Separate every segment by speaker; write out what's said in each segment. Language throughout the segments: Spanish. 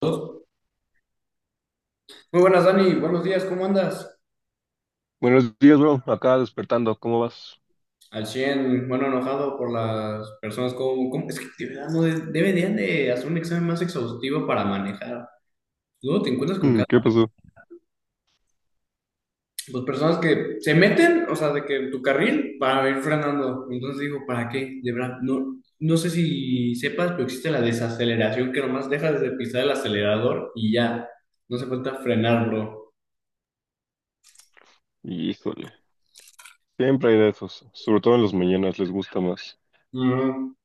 Speaker 1: Dos. Muy buenas, Dani. Buenos días, ¿cómo andas?
Speaker 2: Buenos días, bro. Acá despertando. ¿Cómo vas?
Speaker 1: Al 100, bueno, enojado por las personas es que de verdad no deberían de hacer un examen más exhaustivo para manejar. Luego te encuentras con
Speaker 2: Mm,
Speaker 1: cada...
Speaker 2: ¿Qué pasó?
Speaker 1: Pues personas que se meten, o sea, de que en tu carril para ir frenando. Entonces digo, ¿para qué? De verdad, no, no sé si sepas, pero existe la desaceleración que nomás dejas de pisar el acelerador y ya. No se falta frenar, bro.
Speaker 2: Híjole. Siempre hay de esos. Sobre todo en las mañanas les gusta más.
Speaker 1: Ujú.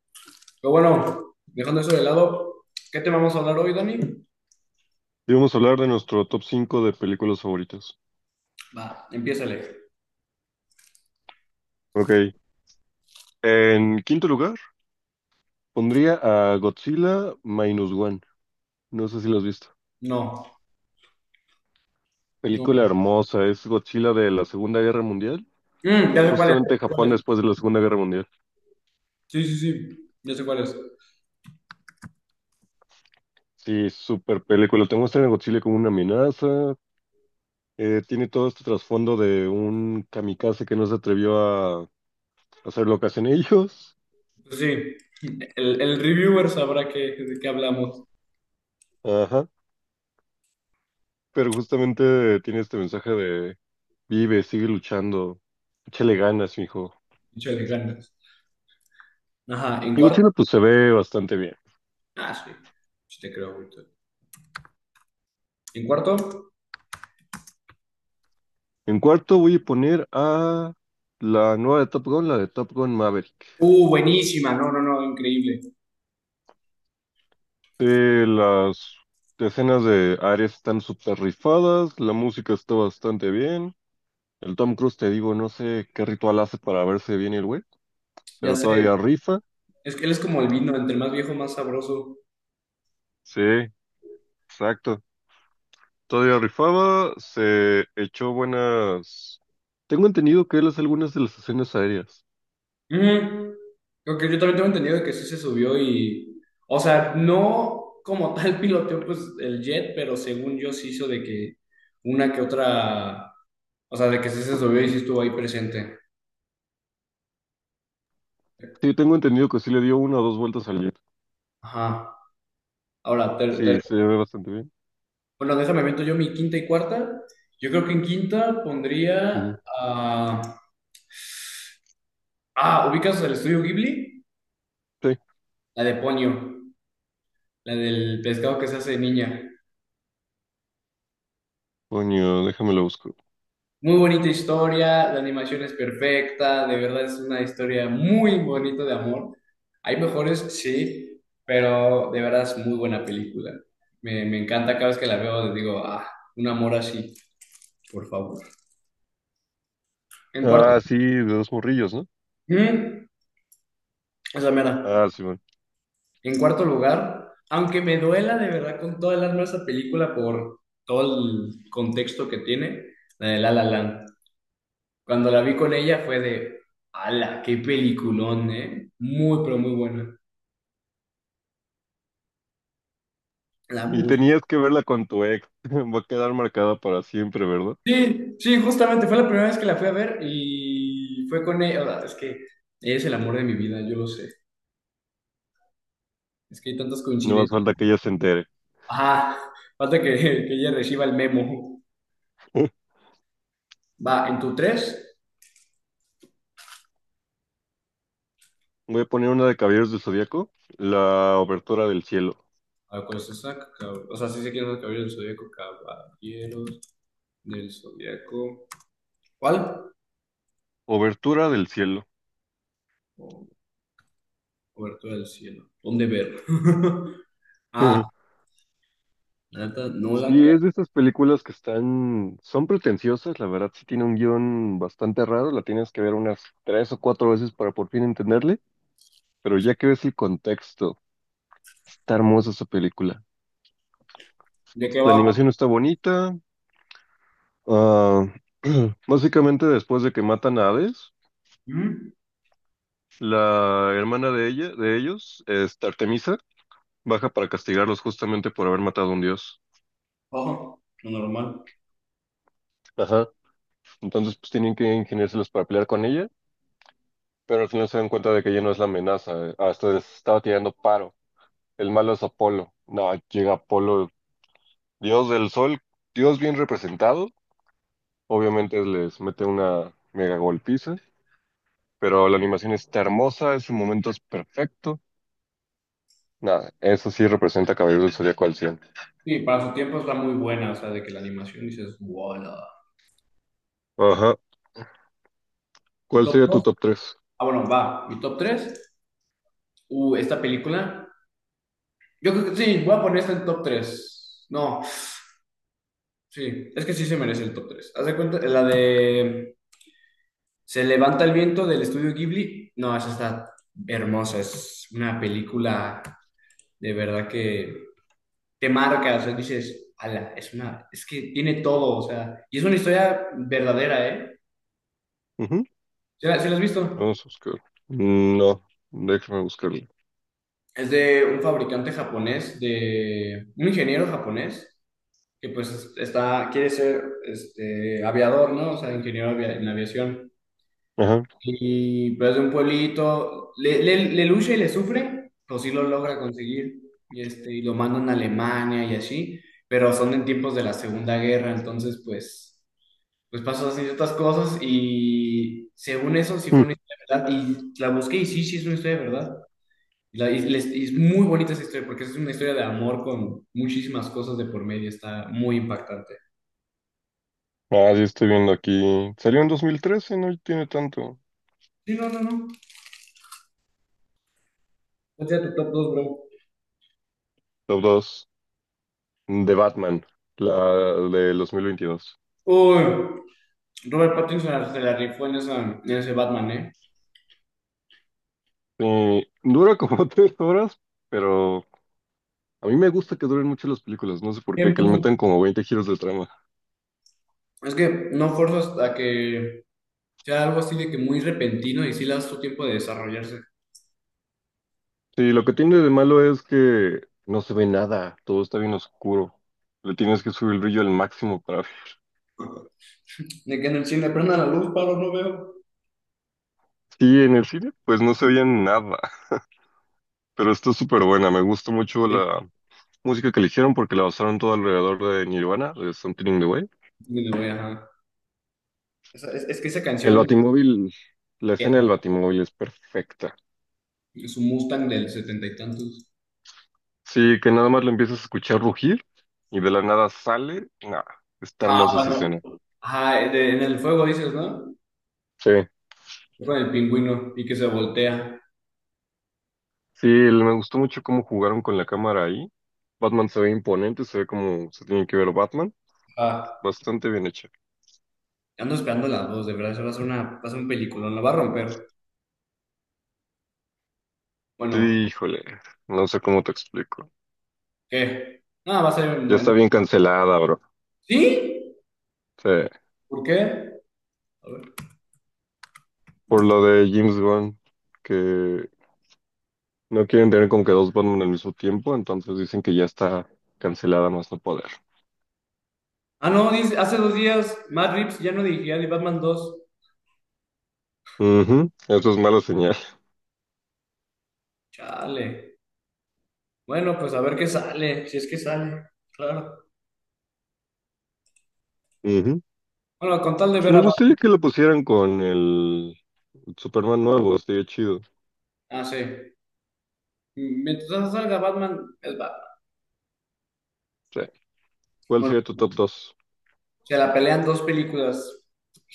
Speaker 1: Pero bueno, dejando eso de lado, ¿qué te vamos a hablar hoy, Dani?
Speaker 2: Y vamos a hablar de nuestro top 5 de películas favoritas.
Speaker 1: Va, empiézale.
Speaker 2: Ok. En quinto lugar, pondría a Godzilla Minus One. No sé si lo has visto.
Speaker 1: No, no.
Speaker 2: Película hermosa. Es Godzilla de la Segunda Guerra Mundial.
Speaker 1: Ya sé cuál es, ya
Speaker 2: Justamente
Speaker 1: sé
Speaker 2: Japón
Speaker 1: cuál es.
Speaker 2: después de la Segunda Guerra Mundial.
Speaker 1: Sí, sí, sí, ya sé cuál es.
Speaker 2: Sí, súper película. Te muestran a Godzilla como una amenaza. Tiene todo este trasfondo de un kamikaze que no se atrevió a... O sea, lo que hacen ellos.
Speaker 1: Pues sí, el reviewer sabrá de qué hablamos.
Speaker 2: Ajá. Pero justamente tiene este mensaje de vive, sigue luchando, échale ganas, mijo.
Speaker 1: Mucho de ganas. Ajá, en
Speaker 2: Y
Speaker 1: cuarto.
Speaker 2: Godzilla pues se ve bastante bien.
Speaker 1: Ah, sí, sí te creo, ahorita. En cuarto.
Speaker 2: En cuarto voy a poner a la nueva de Top Gun, la de Top Gun Maverick.
Speaker 1: Buenísima, no, no, no, increíble.
Speaker 2: Las escenas de Ares están súper rifadas, la música está bastante bien. El Tom Cruise, te digo, no sé qué ritual hace para verse bien el güey,
Speaker 1: Ya
Speaker 2: pero
Speaker 1: sé,
Speaker 2: todavía rifa.
Speaker 1: es que él es como el vino, entre más viejo, más sabroso.
Speaker 2: Sí, exacto. Todavía rifaba, se echó buenas... Tengo entendido que él hace algunas de las escenas aéreas.
Speaker 1: Ujú. Creo que yo también tengo entendido de que sí se subió y, o sea, no como tal piloteó pues el jet, pero según yo sí hizo de que una que otra, o sea, de que sí se subió y sí estuvo ahí presente.
Speaker 2: Sí, tengo entendido que sí le dio una o dos vueltas al jet.
Speaker 1: Ajá. Ahora,
Speaker 2: Sí, se ve bastante bien.
Speaker 1: bueno, déjame meto yo mi quinta y cuarta. Yo creo que en quinta pondría
Speaker 2: Ujú.
Speaker 1: a... Ah, ¿ubicas el estudio Ghibli?
Speaker 2: Sí.
Speaker 1: La de Ponyo, la del pescado que se hace de niña.
Speaker 2: Coño, déjame lo busco.
Speaker 1: Muy bonita historia, la animación es perfecta, de verdad es una historia muy bonita de amor. Hay mejores, sí, pero de verdad es muy buena película. Me encanta cada vez que la veo, digo, ah, un amor así, por favor. En cuarto.
Speaker 2: Ah, sí, de dos morrillos, ¿no?
Speaker 1: Mm, esa mera.
Speaker 2: Ah, sí, bueno.
Speaker 1: En cuarto lugar, aunque me duela de verdad con toda el alma esa película por todo el contexto que tiene, la de La La Land. Cuando la vi con ella fue de, ala, qué peliculón, ¿eh? Muy, pero muy buena. La
Speaker 2: Y
Speaker 1: música.
Speaker 2: tenías que verla con tu ex. Va a quedar marcada para siempre, ¿verdad?
Speaker 1: Sí, sí, justamente fue la primera vez que la fui a ver y fue con ella. O sea, es que ella es el amor de mi vida, yo lo sé. Es que hay tantas
Speaker 2: No más
Speaker 1: coincidencias.
Speaker 2: falta que ella se entere.
Speaker 1: Ajá, falta que ella reciba el memo. Va, en tu tres.
Speaker 2: Voy a poner una de Caballeros del Zodíaco, la Obertura del Cielo.
Speaker 1: A ver, ¿cuál es esa? O sea, sí sé quién es el caballero del zodiaco. Caballeros del zodiaco. ¿Cuál?
Speaker 2: Obertura del Cielo.
Speaker 1: O- Obertura del cielo. ¿Dónde ver? ah La neta, no
Speaker 2: Sí,
Speaker 1: ca-
Speaker 2: es de estas películas que están, son pretenciosas, la verdad sí tiene un guión bastante raro, la tienes que ver unas tres o cuatro veces para por fin entenderle, pero ya que ves el contexto, está hermosa esa película.
Speaker 1: ¿De qué
Speaker 2: La
Speaker 1: va?
Speaker 2: animación está bonita, ah, básicamente después de que matan a Hades,
Speaker 1: ¿Mm?
Speaker 2: la hermana de ella, de ellos, este, Artemisa, baja para castigarlos justamente por haber matado a un dios.
Speaker 1: Ojo, lo normal.
Speaker 2: Ajá, entonces pues tienen que ingeniárselos para pelear con ella. Pero al final se dan cuenta de que ya no es la amenaza. Hasta les estaba tirando paro. El malo es Apolo. No, llega Apolo, dios del sol, dios bien representado. Obviamente les mete una mega golpiza, pero la animación está hermosa, ese momento es perfecto. Nada, eso sí representa Caballero del Zodíaco al cien.
Speaker 1: Sí, para su tiempo está muy buena, o sea, de que la animación dices, ¡Wala!
Speaker 2: Ajá.
Speaker 1: ¿Tu
Speaker 2: ¿Cuál
Speaker 1: top
Speaker 2: sería tu
Speaker 1: dos?
Speaker 2: top 3?
Speaker 1: Ah, bueno, va. ¿Mi top tres? Esta película. Yo creo que sí, voy a poner esta en top tres. No, sí, es que sí se merece el top tres. Haz de cuenta, la de Se levanta el viento del estudio Ghibli. No, esa está hermosa, es una película de verdad que te marca, o sea, dices, ala, es una, es que tiene todo, o sea, y es una historia verdadera, ¿eh? ¿Se la has visto?
Speaker 2: Vamos a buscar. No, déjame buscarlo.
Speaker 1: Es de un fabricante japonés, de un ingeniero japonés, que pues está, quiere ser este, aviador, ¿no? O sea, ingeniero en aviación.
Speaker 2: Ajá.
Speaker 1: Y pues de un pueblito, le lucha y le sufre, pues sí lo logra conseguir, y lo mandan a Alemania y así, pero son en tiempos de la Segunda Guerra, entonces pues... pues pasó así otras cosas y según eso sí
Speaker 2: Mm.
Speaker 1: fue una historia de verdad y la busqué y sí, sí es una historia de verdad. Y es muy bonita esa historia porque es una historia de amor con muchísimas cosas de por medio, está muy impactante.
Speaker 2: Ah, sí, estoy viendo aquí. Salió en 2013, no tiene tanto.
Speaker 1: Sí, no, no, no. Vete a tu top dos, bro.
Speaker 2: Top 2. De Batman, la del 2022.
Speaker 1: Uy, Robert Pattinson se la rifó en, en ese Batman, ¿eh?
Speaker 2: Dura como 3 horas, pero a mí me gusta que duren mucho las películas, no sé por qué,
Speaker 1: Bien,
Speaker 2: que le
Speaker 1: bien.
Speaker 2: metan como 20 giros de trama.
Speaker 1: Es que no forzas a que sea algo así de que muy repentino y sí le das tu tiempo de desarrollarse.
Speaker 2: Sí, lo que tiene de malo es que no se ve nada, todo está bien oscuro. Le tienes que subir el brillo al máximo para ver.
Speaker 1: De que en el cine prenda la luz, paro, no veo.
Speaker 2: Sí, en el cine pues no se veía nada, pero está súper buena, me gustó mucho
Speaker 1: Sí,
Speaker 2: la música que eligieron porque la basaron todo alrededor de Nirvana, de Something in the Way.
Speaker 1: sí, me voy, ajá. Es que esa
Speaker 2: El
Speaker 1: canción
Speaker 2: Batimóvil, la escena del
Speaker 1: queda.
Speaker 2: Batimóvil es perfecta.
Speaker 1: Es un Mustang del setenta y tantos.
Speaker 2: Sí, que nada más lo empiezas a escuchar rugir y de la nada sale. Nah, está
Speaker 1: Ah,
Speaker 2: hermosa esa
Speaker 1: cuando.
Speaker 2: escena.
Speaker 1: Ajá, en el fuego dices, ¿no?
Speaker 2: Sí,
Speaker 1: Con el pingüino y que se voltea.
Speaker 2: sí, me gustó mucho cómo jugaron con la cámara ahí. Batman se ve imponente, se ve como se tiene que ver Batman.
Speaker 1: Ah,
Speaker 2: Bastante bien hecha.
Speaker 1: ando esperando las dos, de verdad. Eso va a ser un peliculón, lo va a romper.
Speaker 2: Sí,
Speaker 1: Bueno,
Speaker 2: híjole, no sé cómo te explico.
Speaker 1: ¿qué? Ah, va a ser un
Speaker 2: Ya está
Speaker 1: bueno.
Speaker 2: bien cancelada, bro.
Speaker 1: ¿Sí?
Speaker 2: Sí,
Speaker 1: ¿Por qué? A ver.
Speaker 2: por lo de James Gunn, que no quieren tener como que dos Batman al mismo tiempo, entonces dicen que ya está cancelada más no poder.
Speaker 1: Ah, no, dice, hace dos días Matt Reeves ya no dirigía ni Batman 2.
Speaker 2: Ujú. Eso es mala señal.
Speaker 1: Chale. Bueno, pues a ver qué sale, si es que sale. Claro.
Speaker 2: Ujú.
Speaker 1: Bueno, con tal de ver a
Speaker 2: Me
Speaker 1: Batman.
Speaker 2: gustaría que lo pusieran con el Superman nuevo, estaría chido.
Speaker 1: Ah, sí. Mientras no salga Batman, es Batman.
Speaker 2: Sí. ¿Cuál
Speaker 1: Bueno,
Speaker 2: sería tu top 2?
Speaker 1: se la pelean dos películas,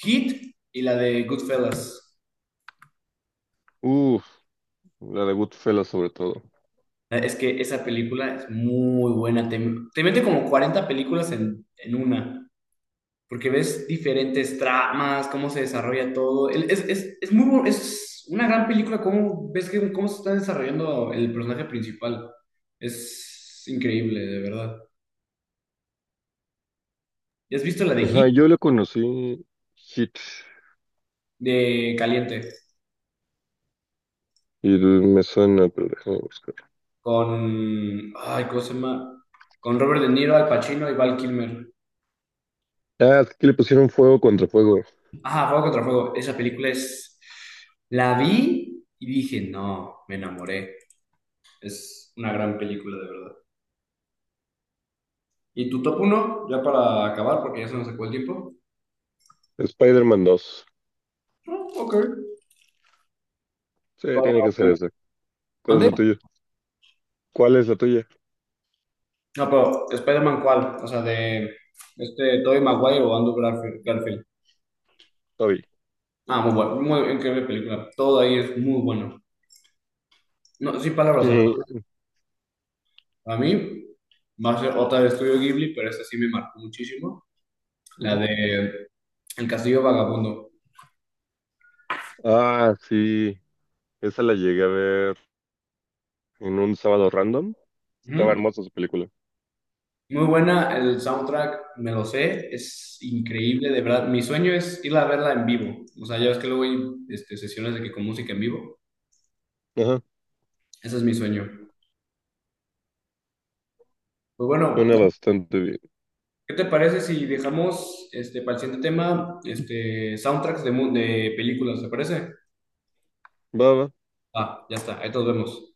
Speaker 1: Heat y la de Goodfellas.
Speaker 2: Uf, la de Goodfellas sobre todo.
Speaker 1: Es que esa película es muy buena. Te mete como 40 películas en una, porque ves diferentes tramas, cómo se desarrolla todo. Es muy, es una gran película, cómo ves cómo se está desarrollando el personaje principal. Es increíble, de verdad. ¿Ya has visto la de Heat?
Speaker 2: Ajá, yo la conocí. Hit
Speaker 1: De Caliente.
Speaker 2: y me suena, pero déjame buscar.
Speaker 1: Con, ay, ¿cómo se llama? Con Robert De Niro, Al Pacino y Val Kilmer.
Speaker 2: Ah, es que le pusieron fuego contra fuego.
Speaker 1: Ah, Fuego contra Fuego. Esa película es, la vi y dije, no, me enamoré. Es una gran película, de verdad. ¿Y tu top uno? Ya para acabar, porque ya se nos sacó el tiempo.
Speaker 2: Spider-Man 2.
Speaker 1: Ah, ok.
Speaker 2: Sí, tiene que ser ese. ¿Cuál es
Speaker 1: ¿Mande?
Speaker 2: el tuyo? ¿Cuál es la tuya?
Speaker 1: No, pero Spider-Man, ¿cuál? O sea, de este Tobey Maguire o Andrew Garfield. Garfield.
Speaker 2: Toby.
Speaker 1: Ah, muy bueno, muy increíble película. Todo ahí es muy bueno. No, sin palabras, de.
Speaker 2: Sí.
Speaker 1: A mí, va a ser otra de Estudio Ghibli, pero esta sí me marcó muchísimo, la
Speaker 2: Ujú.
Speaker 1: de El Castillo Vagabundo.
Speaker 2: Ah, sí. Esa la llegué a ver en un sábado random. Estaba
Speaker 1: Ujú.
Speaker 2: hermosa su película.
Speaker 1: Muy buena, el soundtrack me lo sé, es increíble, de verdad. Mi sueño es ir a verla en vivo. O sea, ya ves que luego hay este, sesiones de que con música en vivo.
Speaker 2: Ajá,
Speaker 1: Ese es mi sueño. Pues bueno,
Speaker 2: suena bastante bien.
Speaker 1: ¿qué te parece si dejamos este, para el siguiente tema este, soundtracks de películas? ¿Te parece?
Speaker 2: Va, va.
Speaker 1: Ah, ya está, ahí nos vemos.